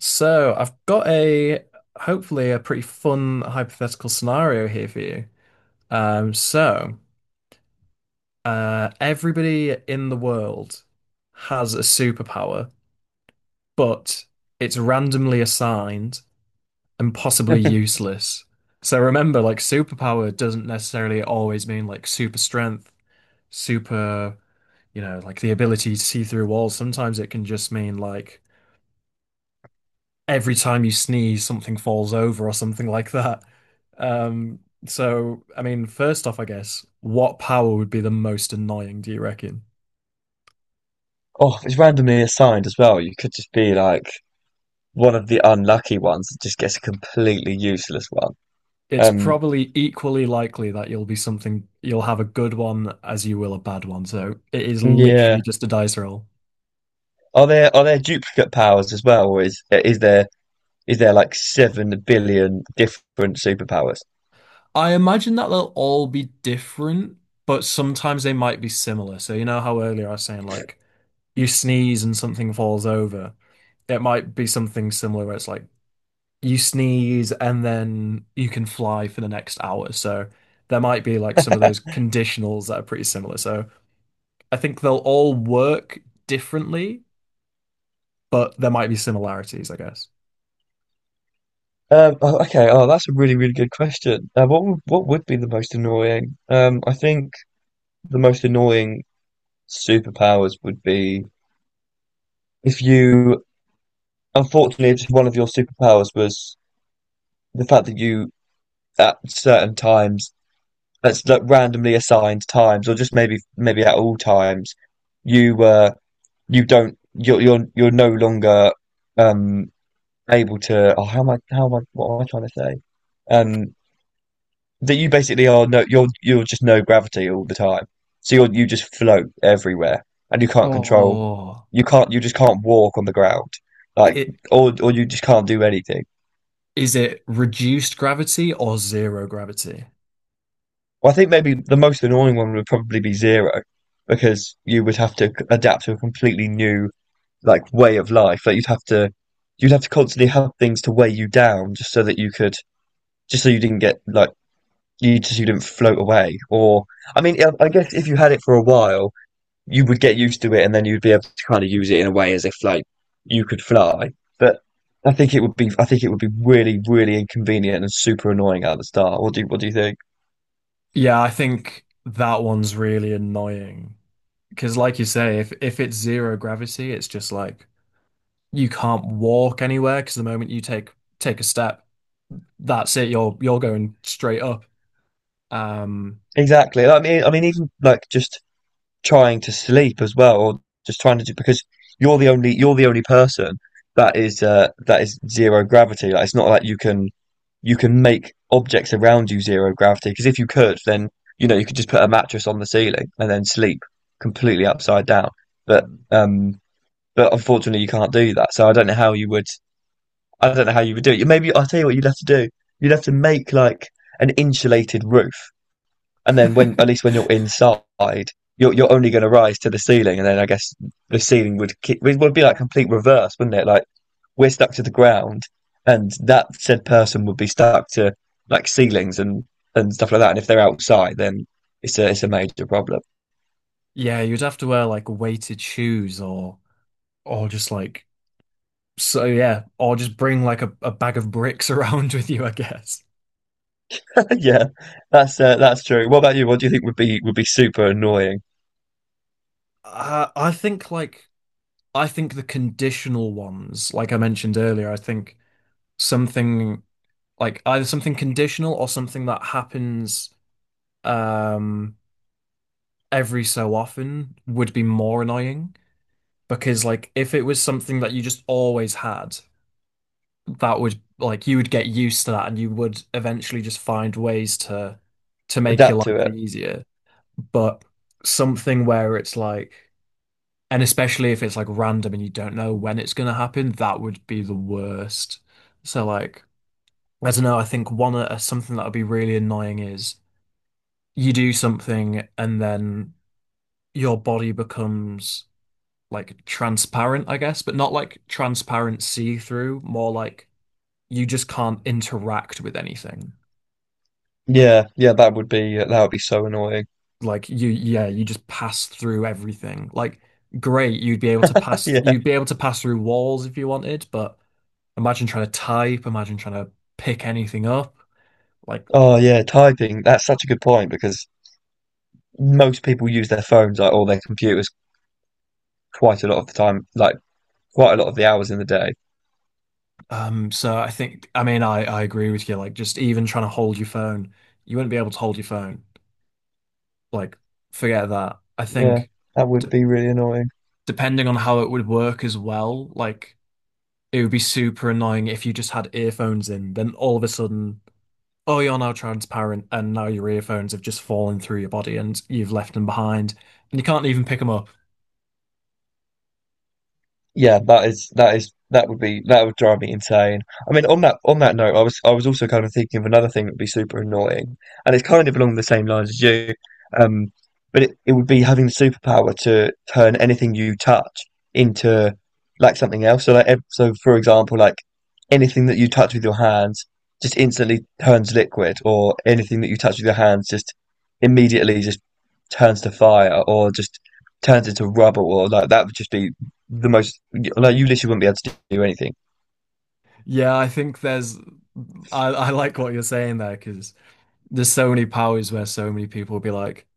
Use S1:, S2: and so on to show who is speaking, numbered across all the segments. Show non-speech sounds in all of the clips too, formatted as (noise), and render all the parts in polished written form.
S1: So I've got a hopefully a pretty fun hypothetical scenario here for you. Um, so Everybody in the world has a superpower, but it's randomly assigned and possibly useless. So remember, like superpower doesn't necessarily always mean like super strength, super, you know, like the ability to see through walls. Sometimes it can just mean like every time you sneeze, something falls over or something like that. Um, so, I mean, first off, I guess, what power would be the most annoying, do you reckon?
S2: Oh, if it's randomly assigned as well. You could just be like one of the unlucky ones that just gets a completely useless one.
S1: It's
S2: Um,
S1: probably equally likely that you'll be something, you'll have a good one as you will a bad one. So it is
S2: yeah.
S1: literally just a dice roll.
S2: Are there duplicate powers as well, or is there is there like 7 billion different superpowers?
S1: I imagine that they'll all be different, but sometimes they might be similar. So, you know how earlier I was saying, like, you sneeze and something falls over. It might be something similar where it's like you sneeze and then you can fly for the next hour. So there might be like some of those conditionals that are pretty similar. So I think they'll all work differently, but there might be similarities, I guess.
S2: Oh, okay. Oh, that's a really really good question. What would be the most annoying? I think the most annoying superpowers would be if you, unfortunately, if one of your superpowers was the fact that you at certain times that's like randomly assigned times, or just maybe at all times, you you don't you're no longer um able to. Oh, how am I? How am I? What am I trying to say? Um, that you basically are you're just no gravity all the time, so you just float everywhere, and you can't control.
S1: Oh,
S2: You can't. You just can't walk on the ground, like
S1: it
S2: or you just can't do anything.
S1: is it reduced gravity or zero gravity?
S2: Well, I think maybe the most annoying one would probably be zero, because you would have to adapt to a completely new like way of life. Like you'd have to constantly have things to weigh you down just so that you could just so you didn't get like you didn't float away. Or I mean, I guess if you had it for a while, you would get used to it, and then you'd be able to kind of use it in a way as if like you could fly. But I think it would be really really inconvenient and super annoying at the start. What do you think?
S1: Yeah, I think that one's really annoying. Because like you say, if it's zero gravity, it's just like you can't walk anywhere because the moment you take a step, that's it. You're going straight up. Um,
S2: Exactly. I mean, even like just trying to sleep as well, or just trying to do because you're the only person that is zero gravity. Like it's not like you can make objects around you zero gravity because if you could, then you know you could just put a mattress on the ceiling and then sleep completely upside down. But
S1: Mm.
S2: um, but unfortunately you can't do that. So I don't know how you would do it. Maybe I'll tell you what you'd have to do. You'd have to make like an insulated roof and then when at least when you're inside, you're only going to rise to the ceiling, and then I guess the ceiling would it would be like complete reverse, wouldn't it? Like we're stuck to the ground, and that said person would be stuck to like ceilings and stuff like that. And if they're outside, then it's a major problem.
S1: Yeah, you'd have to wear like weighted shoes or just like so yeah, or just bring like a bag of bricks (laughs) around with you, I guess.
S2: (laughs) Yeah, that's true. What about you? What do you think would be super annoying?
S1: I think like I think the conditional ones, like I mentioned earlier, I think something like either something conditional or something that happens um every so often would be more annoying because like if it was something that you just always had, that would like you would get used to that and you would eventually just find ways to make your
S2: Adapt to
S1: life
S2: it.
S1: easier. But something where it's like, and especially if it's like random and you don't know when it's gonna happen, that would be the worst. So like, I don't know, I think one something that would be really annoying is you do something and then your body becomes like transparent, I guess, but not like transparent see-through, more like you just can't interact with anything.
S2: Yeah, yeah, that would be so annoying.
S1: Like yeah, you just pass through everything. Like great,
S2: (laughs) Yeah.
S1: you'd be able to pass through walls if you wanted, but imagine trying to pick anything up. Like,
S2: Oh yeah, typing. That's such a good point because most people use their phones like, or their computers quite a lot of the time, like quite a lot of the hours in the day.
S1: so I think, I mean, I agree with you. Like just even trying to hold your phone, you wouldn't be able to hold your phone. Like, forget that. I
S2: Yeah,
S1: think
S2: that would
S1: d
S2: be really annoying.
S1: depending on how it would work as well, like it would be super annoying if you just had earphones in, then all of a sudden oh, you're now transparent, and now your earphones have just fallen through your body and you've left them behind, and you can't even pick them up.
S2: Yeah, that is that would drive me insane. I mean, on that note, I was also kind of thinking of another thing that would be super annoying, and it's kind of along the same lines as you. Um, but it would be having the superpower to turn anything you touch into like something else. So like so for example, like anything that you touch with your hands just instantly turns liquid, or anything that you touch with your hands just immediately just turns to fire, or just turns into rubble, or like that would just be the most like you literally wouldn't be able to do anything.
S1: Yeah, I like what you're saying there because there's so many powers where so many people would be like,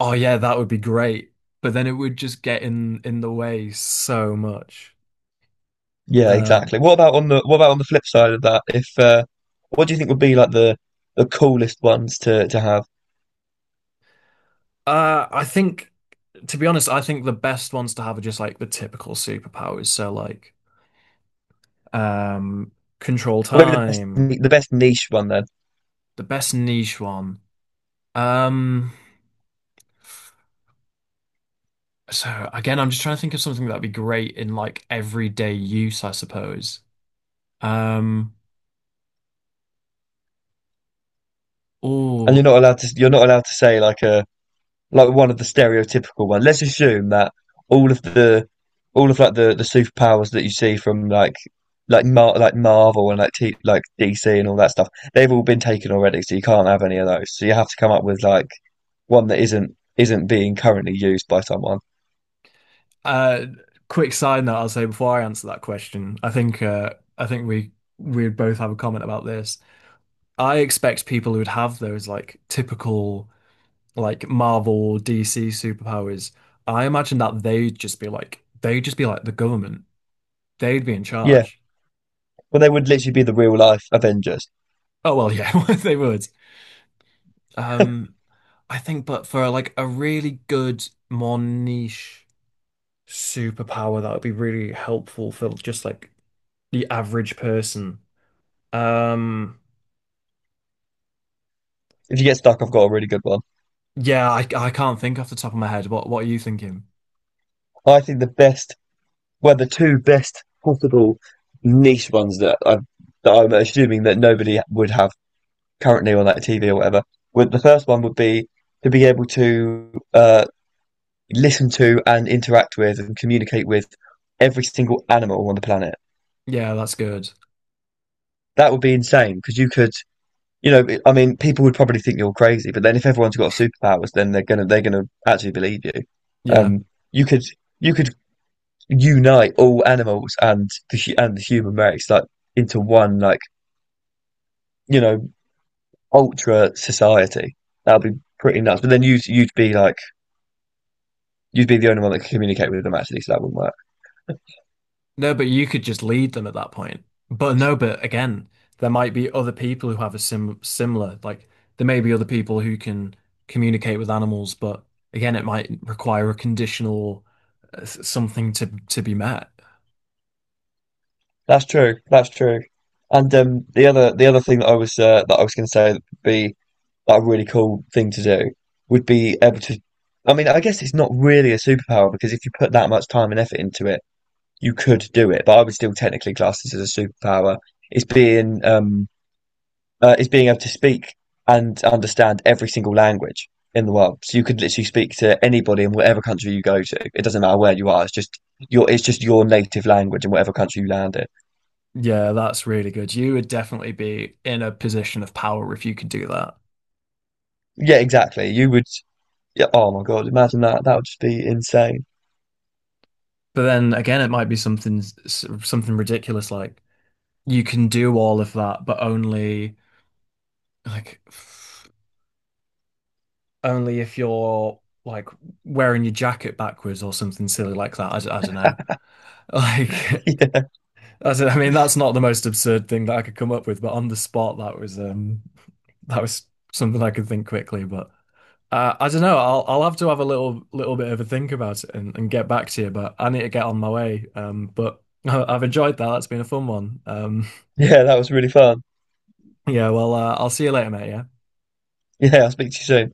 S1: oh, yeah, that would be great. But then it would just get in the way so much.
S2: Yeah,
S1: Um,
S2: exactly. What about on the flip side of that? If what do you think would be like the coolest ones to have?
S1: I think, to be honest, I think the best ones to have are just like the typical superpowers. So like, um, control
S2: Or maybe the best
S1: time,
S2: niche one then.
S1: the best niche one. Um, So again, I'm just trying to think of something that'd be great in like everyday use, I suppose. Um,
S2: And
S1: oh,
S2: you're not allowed to say like a like one of the stereotypical ones. Let's assume that all of the all of like the superpowers that you see from like Mar like Marvel and like DC and all that stuff, they've all been taken already, so you can't have any of those. So you have to come up with like one that isn't being currently used by someone.
S1: uh, Quick side note I'll say before I answer that question. I think we'd both have a comment about this. I expect people who'd have those like typical like Marvel or DC superpowers. I imagine that they'd just be like the government. They'd be in
S2: Yeah,
S1: charge.
S2: well, they would literally be the real life Avengers.
S1: Oh well, yeah, (laughs) they would. Um, I think, but for like a really good, more niche superpower, that would be really helpful for just like the average person. Um,
S2: If you get stuck, I've got a really good one.
S1: yeah, I can't think off the top of my head. What are you thinking?
S2: I think the best, well, the two best possible niche ones that I'm assuming that nobody would have currently on like TV or whatever, would the first one would be to be able to listen to and interact with and communicate with every single animal on the planet.
S1: Yeah, that's good.
S2: That would be insane because you could, you know, I mean, people would probably think you're crazy, but then if everyone's got superpowers, then they're gonna actually believe you.
S1: Yeah.
S2: Um, you could you could unite all animals and and the human race like into one like you know ultra society. That'd be pretty nuts. But then you'd be like you'd be the only one that could communicate with them actually, so that wouldn't work.
S1: No, but you could just lead them at that point. But no, but again, there might be other people who have a similar, like there may be other people who can communicate with animals, but again, it might require a conditional something to be met.
S2: That's true. That's true. And the other thing that I was going to say would be like a really cool thing to do would be able to. I mean, I guess it's not really a superpower because if you put that much time and effort into it, you could do it. But I would still technically class this as a superpower. It's being is being able to speak and understand every single language in the world. So you could literally speak to anybody in whatever country you go to. It doesn't matter where you are. It's just your native language in whatever country you land in.
S1: Yeah, that's really good. You would definitely be in a position of power if you could do that.
S2: Yeah, exactly. You would. Yeah. Oh my God. Imagine that. That would just be insane. (laughs)
S1: But then again, it might be something something ridiculous like you can do all of that, but only like f- only if you're like wearing your jacket backwards or something silly like that. I don't know. (laughs) Like
S2: Yeah.
S1: I mean, that's not the most absurd thing that I could come up with, but on the spot, that was something I could think quickly, but. I don't know. I'll have to have a little bit of a think about it and get back to you. But I need to get on my way. But (laughs) I've enjoyed that. That's been a fun one.
S2: Yeah. That was really fun.
S1: (laughs) Yeah. Well, I'll see you later, mate. Yeah.
S2: Yeah. I'll speak to you soon.